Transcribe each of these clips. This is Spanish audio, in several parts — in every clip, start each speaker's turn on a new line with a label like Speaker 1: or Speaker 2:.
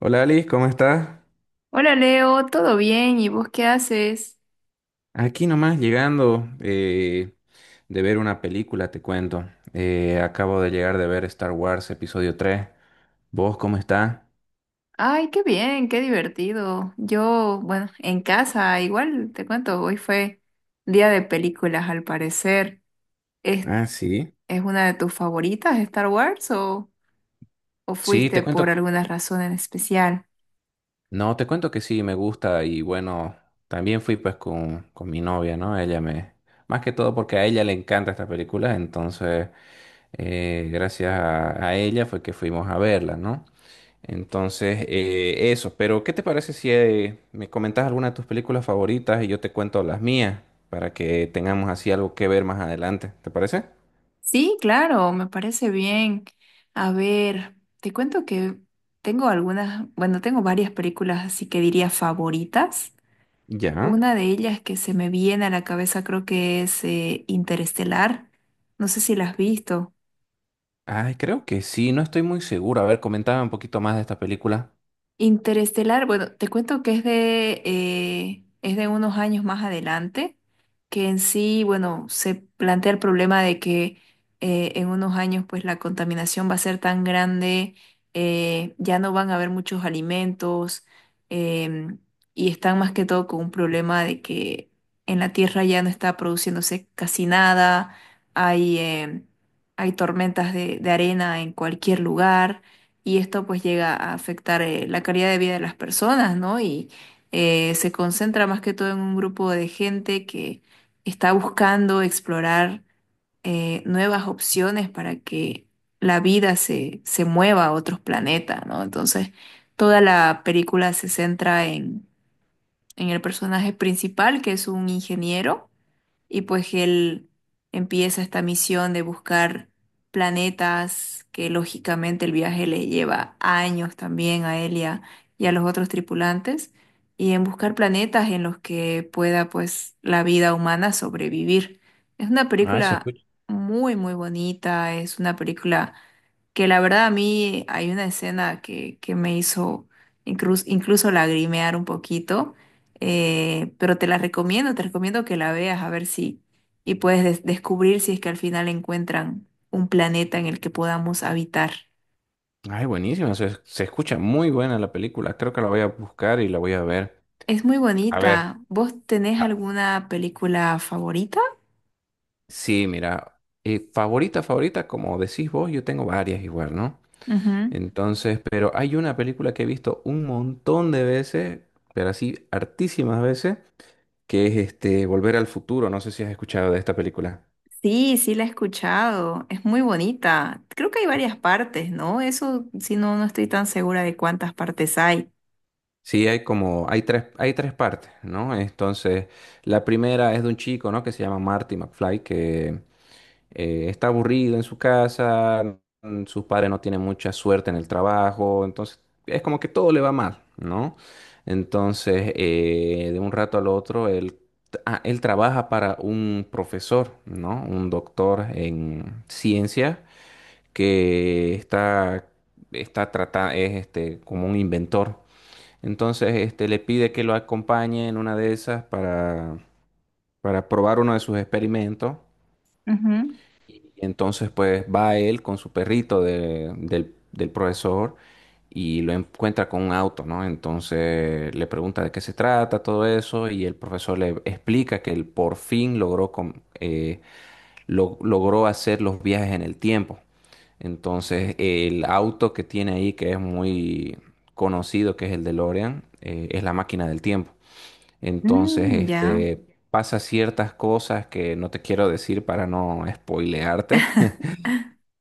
Speaker 1: Hola Alice, ¿cómo estás?
Speaker 2: Hola Leo, ¿todo bien? ¿Y vos qué haces?
Speaker 1: Aquí nomás llegando de ver una película, te cuento. Acabo de llegar de ver Star Wars Episodio 3. ¿Vos cómo estás?
Speaker 2: Ay, qué bien, qué divertido. Yo, bueno, en casa, igual te cuento, hoy fue día de películas al parecer. ¿Es,
Speaker 1: Ah, sí.
Speaker 2: ¿Es una de tus favoritas, Star Wars, o
Speaker 1: Sí,
Speaker 2: fuiste
Speaker 1: te
Speaker 2: por
Speaker 1: cuento.
Speaker 2: alguna razón en especial?
Speaker 1: No, te cuento que sí, me gusta y bueno, también fui pues con mi novia, ¿no? Ella me... Más que todo porque a ella le encanta esta película, entonces gracias a ella fue que fuimos a verla, ¿no? Entonces, eso. Pero, ¿qué te parece si me comentas alguna de tus películas favoritas y yo te cuento las mías para que tengamos así algo que ver más adelante? ¿Te parece?
Speaker 2: Sí, claro, me parece bien. A ver, te cuento que tengo algunas, bueno, tengo varias películas, así que diría favoritas.
Speaker 1: Ya.
Speaker 2: Una de ellas que se me viene a la cabeza creo que es Interestelar. No sé si la has visto.
Speaker 1: Ay, creo que sí, no estoy muy seguro. A ver, comentaba un poquito más de esta película.
Speaker 2: Interestelar, bueno, te cuento que es es de unos años más adelante, que en sí, bueno, se plantea el problema de que en unos años pues la contaminación va a ser tan grande, ya no van a haber muchos alimentos, em, y están más que todo con un problema de que en la Tierra ya no está produciéndose casi nada, hay, em, hay tormentas de arena en cualquier lugar y esto pues llega a afectar la calidad de vida de las personas, ¿no? Y se concentra más que todo en un grupo de gente que está buscando explorar nuevas opciones para que la vida se mueva a otros planetas, ¿no? Entonces, toda la película se centra en el personaje principal, que es un ingeniero y pues él empieza esta misión de buscar planetas, que lógicamente el viaje le lleva años también a él y a los otros tripulantes, y en buscar planetas en los que pueda pues la vida humana sobrevivir. Es una
Speaker 1: Ay, se
Speaker 2: película
Speaker 1: escucha.
Speaker 2: muy, muy bonita, es una película que la verdad a mí hay una escena que me hizo incluso, incluso lagrimear un poquito, pero te la recomiendo, te recomiendo que la veas a ver si y puedes descubrir si es que al final encuentran un planeta en el que podamos habitar.
Speaker 1: Ay, buenísimo. Se escucha muy buena la película. Creo que la voy a buscar y la voy a ver.
Speaker 2: Es muy
Speaker 1: A ver.
Speaker 2: bonita. ¿Vos tenés
Speaker 1: ah,
Speaker 2: alguna película favorita?
Speaker 1: sí, mira. Favorita, favorita, como decís vos, yo tengo varias igual, ¿no?
Speaker 2: Ujú.
Speaker 1: Entonces, pero hay una película que he visto un montón de veces, pero así hartísimas veces, que es este Volver al Futuro. No sé si has escuchado de esta película.
Speaker 2: Sí, sí la he escuchado. Es muy bonita. Creo que hay varias partes, ¿no? Eso, si no, no estoy tan segura de cuántas partes hay.
Speaker 1: Sí, hay como, hay tres partes, ¿no? Entonces, la primera es de un chico, ¿no? Que se llama Marty McFly, que está aburrido en su casa, sus padres no tienen mucha suerte en el trabajo, entonces es como que todo le va mal, ¿no? Entonces, de un rato al otro, él trabaja para un profesor, ¿no? Un doctor en ciencias que es este, como un inventor. Entonces, este, le pide que lo acompañe en una de esas para probar uno de sus experimentos.
Speaker 2: Ujú.
Speaker 1: Y entonces pues va él con su perrito del profesor y lo encuentra con un auto, ¿no? Entonces le pregunta de qué se trata, todo eso, y el profesor le explica que él por fin eh, logró hacer los viajes en el tiempo. Entonces, el auto que tiene ahí, que es muy conocido, que es el DeLorean, es la máquina del tiempo. Entonces,
Speaker 2: Mm, ya.
Speaker 1: este, pasa ciertas cosas que no te quiero decir para no spoilearte,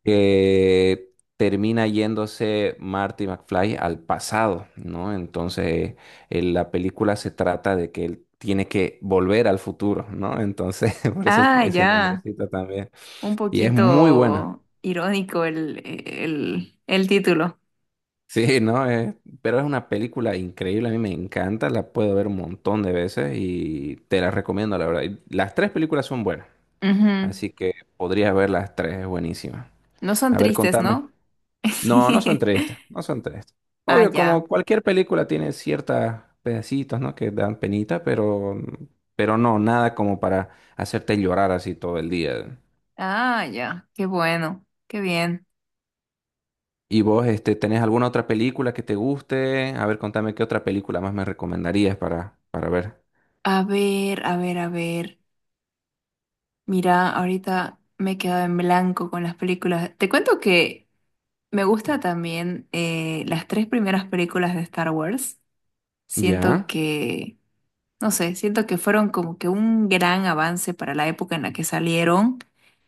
Speaker 1: que termina yéndose Marty McFly al pasado, ¿no? Entonces, la película se trata de que él tiene que volver al futuro, ¿no? Entonces, por eso
Speaker 2: Ah,
Speaker 1: ese
Speaker 2: ya.
Speaker 1: nombrecito también.
Speaker 2: Un
Speaker 1: Y es muy buena.
Speaker 2: poquito irónico el título.
Speaker 1: Sí, ¿no? Pero es una película increíble, a mí me encanta, la puedo ver un montón de veces y te la recomiendo, la verdad. Y Las tres películas son buenas,
Speaker 2: Ujú.
Speaker 1: así que podrías ver las tres, es buenísima.
Speaker 2: No son
Speaker 1: A ver,
Speaker 2: tristes,
Speaker 1: contame.
Speaker 2: ¿no?
Speaker 1: No, no son tres estas, no son tres.
Speaker 2: Ah,
Speaker 1: Obvio,
Speaker 2: ya.
Speaker 1: como cualquier película tiene ciertos pedacitos, ¿no? Que dan penita, pero no, nada como para hacerte llorar así todo el día.
Speaker 2: Ah, ya. Qué bueno. Qué bien.
Speaker 1: ¿Y vos, este, tenés alguna otra película que te guste? A ver, contame qué otra película más me recomendarías para ver.
Speaker 2: A ver, a ver, a ver. Mira, ahorita me he quedado en blanco con las películas. Te cuento que me gusta también las tres primeras películas de Star Wars. Siento
Speaker 1: ¿Ya?
Speaker 2: que no sé, siento que fueron como que un gran avance para la época en la que salieron.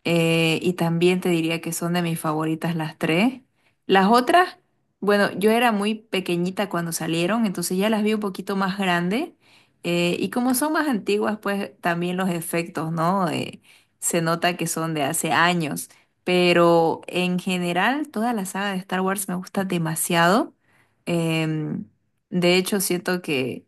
Speaker 2: Eh, y también te diría que son de mis favoritas las tres. Las otras, bueno, yo era muy pequeñita cuando salieron, entonces ya las vi un poquito más grande. Eh, y como son más antiguas, pues también los efectos, ¿no? Se nota que son de hace años. Pero en general, toda la saga de Star Wars me gusta demasiado. em, de hecho, siento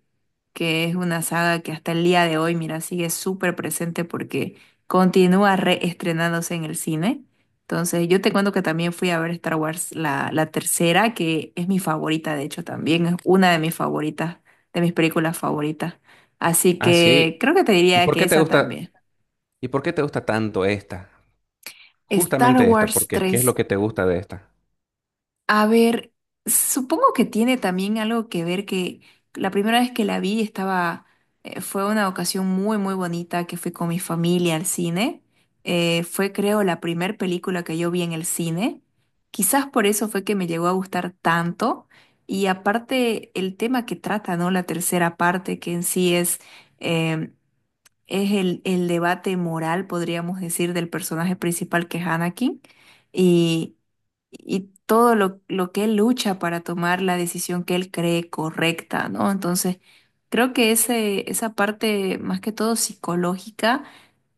Speaker 2: que es una saga que hasta el día de hoy, mira, sigue súper presente porque continúa reestrenándose en el cine. Entonces, yo te cuento que también fui a ver Star Wars, la tercera, que es mi favorita, de hecho, también es una de mis favoritas, de mis películas favoritas. Así
Speaker 1: Ah,
Speaker 2: que
Speaker 1: sí.
Speaker 2: creo que te
Speaker 1: ¿Y
Speaker 2: diría
Speaker 1: por
Speaker 2: que
Speaker 1: qué te
Speaker 2: esa
Speaker 1: gusta,
Speaker 2: también.
Speaker 1: y por qué te gusta tanto esta?
Speaker 2: Star
Speaker 1: Justamente esta,
Speaker 2: Wars
Speaker 1: porque ¿qué es
Speaker 2: tres.
Speaker 1: lo que te gusta de esta?
Speaker 2: A ver, supongo que tiene también algo que ver que la primera vez que la vi estaba, fue una ocasión muy, muy bonita que fui con mi familia al cine. Fue, creo, la primera película que yo vi en el cine. Quizás por eso fue que me llegó a gustar tanto. Y aparte, el tema que trata, ¿no? La tercera parte, que en sí eh, es el debate moral, podríamos decir, del personaje principal que es Anakin y todo lo que él lucha para tomar la decisión que él cree correcta, ¿no? Entonces, creo que esa parte más que todo psicológica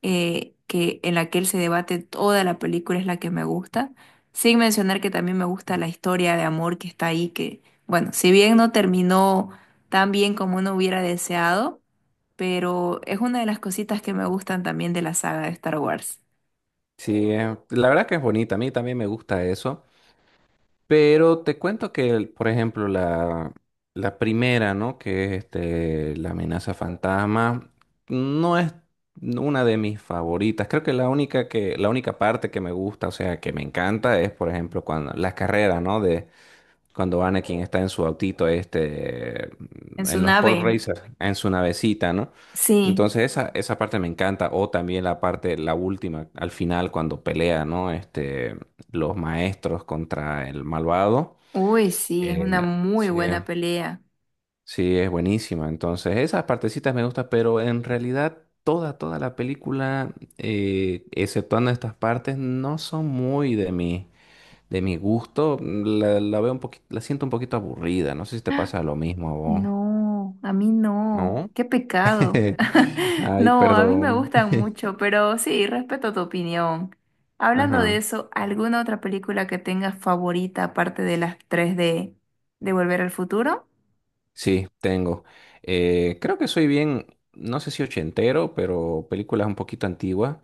Speaker 2: en la que él se debate toda la película es la que me gusta, sin mencionar que también me gusta la historia de amor que está ahí, que, bueno, si bien no terminó tan bien como uno hubiera deseado, pero es una de las cositas que me gustan también de la saga de Star Wars.
Speaker 1: Sí, la verdad que es bonita, a mí también me gusta eso. Pero te cuento que, por ejemplo, la primera, ¿no? Que es este, la amenaza fantasma, no es una de mis favoritas. Creo que, la única parte que me gusta, o sea, que me encanta es, por ejemplo, cuando las carreras, ¿no? Cuando Anakin está en su autito, este,
Speaker 2: En su
Speaker 1: en los pod
Speaker 2: nave.
Speaker 1: racers, en su navecita, ¿no?
Speaker 2: Sí.
Speaker 1: Entonces esa parte me encanta. O también la parte, la última, al final, cuando pelea, ¿no? Este, los maestros contra el malvado.
Speaker 2: Uy, sí, es
Speaker 1: Eh,
Speaker 2: una muy
Speaker 1: sí,
Speaker 2: buena pelea.
Speaker 1: sí, es buenísima. Entonces esas partecitas me gustan, pero en realidad toda la película, exceptuando estas partes, no son muy de mí. De mi gusto, la veo un poquito, la siento un poquito aburrida. No sé si te pasa lo mismo a vos.
Speaker 2: No, a mí no.
Speaker 1: ¿No?
Speaker 2: Qué pecado.
Speaker 1: Ay,
Speaker 2: No, a mí me
Speaker 1: perdón.
Speaker 2: gustan mucho, pero sí, respeto tu opinión. Hablando de
Speaker 1: Ajá.
Speaker 2: eso, ¿alguna otra película que tengas favorita aparte de las tres de Volver al Futuro?
Speaker 1: Sí, tengo. Creo que soy bien, no sé si ochentero, pero películas un poquito antiguas.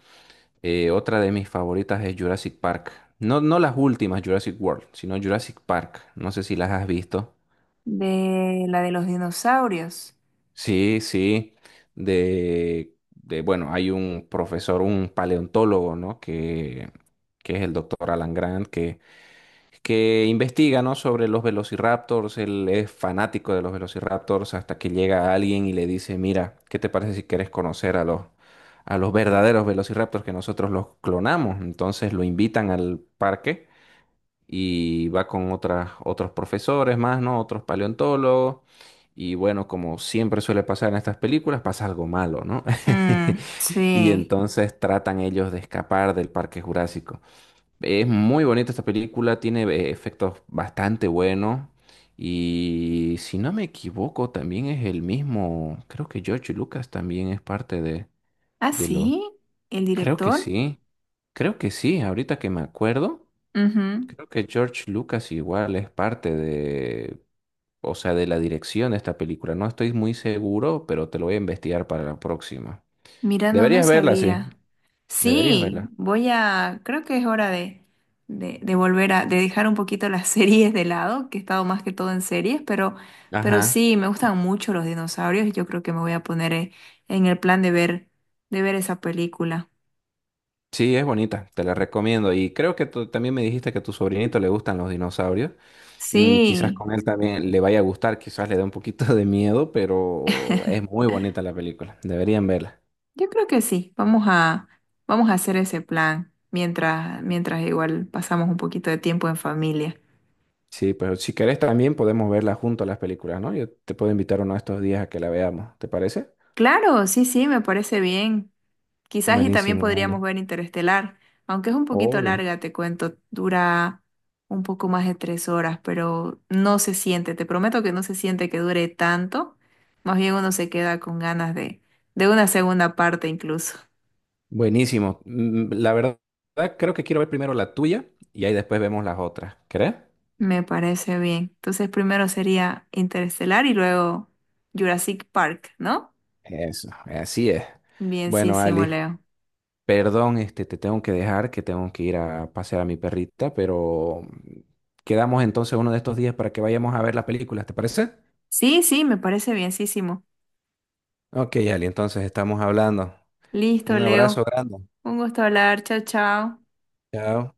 Speaker 1: Otra de mis favoritas es Jurassic Park. No, no las últimas Jurassic World, sino Jurassic Park. No sé si las has visto.
Speaker 2: De la de los dinosaurios.
Speaker 1: Sí, sí, bueno, hay un profesor, un paleontólogo, ¿no? Que es el doctor Alan Grant, que investiga, ¿no? Sobre los velociraptors, él es fanático de los velociraptors hasta que llega alguien y le dice, mira, ¿qué te parece si quieres conocer a a los verdaderos velociraptors que nosotros los clonamos? Entonces lo invitan al parque y va con otras, otros profesores más, ¿no? Otros paleontólogos. Y bueno, como siempre suele pasar en estas películas, pasa algo malo, ¿no?
Speaker 2: Mm,
Speaker 1: Y
Speaker 2: sí.
Speaker 1: entonces tratan ellos de escapar del Parque Jurásico. Es muy bonita esta película, tiene efectos bastante buenos. Y si no me equivoco, también es el mismo, creo que George Lucas también es parte
Speaker 2: ¿Ah,
Speaker 1: de los,
Speaker 2: sí? ¿El
Speaker 1: creo que
Speaker 2: director?
Speaker 1: sí, creo que sí, ahorita que me acuerdo.
Speaker 2: Ujú.
Speaker 1: Creo que George Lucas igual es parte de, o sea, de la dirección de esta película. No estoy muy seguro, pero te lo voy a investigar para la próxima.
Speaker 2: Mira, no, no
Speaker 1: Deberías verla, sí.
Speaker 2: sabía.
Speaker 1: Deberías
Speaker 2: Sí,
Speaker 1: verla.
Speaker 2: voy a, creo que es hora de volver a, de dejar un poquito las series de lado, que he estado más que todo en series, pero
Speaker 1: Ajá.
Speaker 2: sí, me gustan mucho los dinosaurios y yo creo que me voy a poner en el plan de ver esa película.
Speaker 1: Sí, es bonita. Te la recomiendo. Y creo que tú también me dijiste que a tu sobrinito le gustan los dinosaurios. Mm, quizás
Speaker 2: Sí,
Speaker 1: con él también le vaya a gustar, quizás le dé un poquito de miedo, pero es muy bonita la película. Deberían verla.
Speaker 2: yo creo que sí. Vamos a, vamos a hacer ese plan mientras, mientras igual pasamos un poquito de tiempo en familia.
Speaker 1: Sí, pero si querés también podemos verla junto a las películas, ¿no? Yo te puedo invitar uno de estos días a que la veamos. ¿Te parece?
Speaker 2: Claro, sí, sí, me parece bien. Quizás y también
Speaker 1: Buenísimo, vale.
Speaker 2: podríamos ver Interestelar, aunque es un poquito
Speaker 1: Obvio.
Speaker 2: larga, te cuento, dura un poco más de 3 horas, pero no se siente, te prometo que no se siente que dure tanto, más bien uno se queda con ganas de una segunda parte incluso.
Speaker 1: Buenísimo. Mm, La verdad, creo que quiero ver primero la tuya y ahí después vemos las otras. ¿Crees?
Speaker 2: Me parece bien. Entonces primero sería Interestelar y luego Jurassic Park, ¿no?
Speaker 1: Eso, así es. Bueno,
Speaker 2: Bienísimo,
Speaker 1: Ali,
Speaker 2: Leo.
Speaker 1: perdón, este, te tengo que dejar, que tengo que ir a pasear a mi perrita, pero quedamos entonces uno de estos días para que vayamos a ver la película, ¿te parece?
Speaker 2: Sí, sí, me parece bienísimo.
Speaker 1: Ok, Ali, entonces estamos hablando.
Speaker 2: Listo,
Speaker 1: Un abrazo
Speaker 2: Leo.
Speaker 1: grande.
Speaker 2: Un gusto hablar. Chao, chao.
Speaker 1: Chao.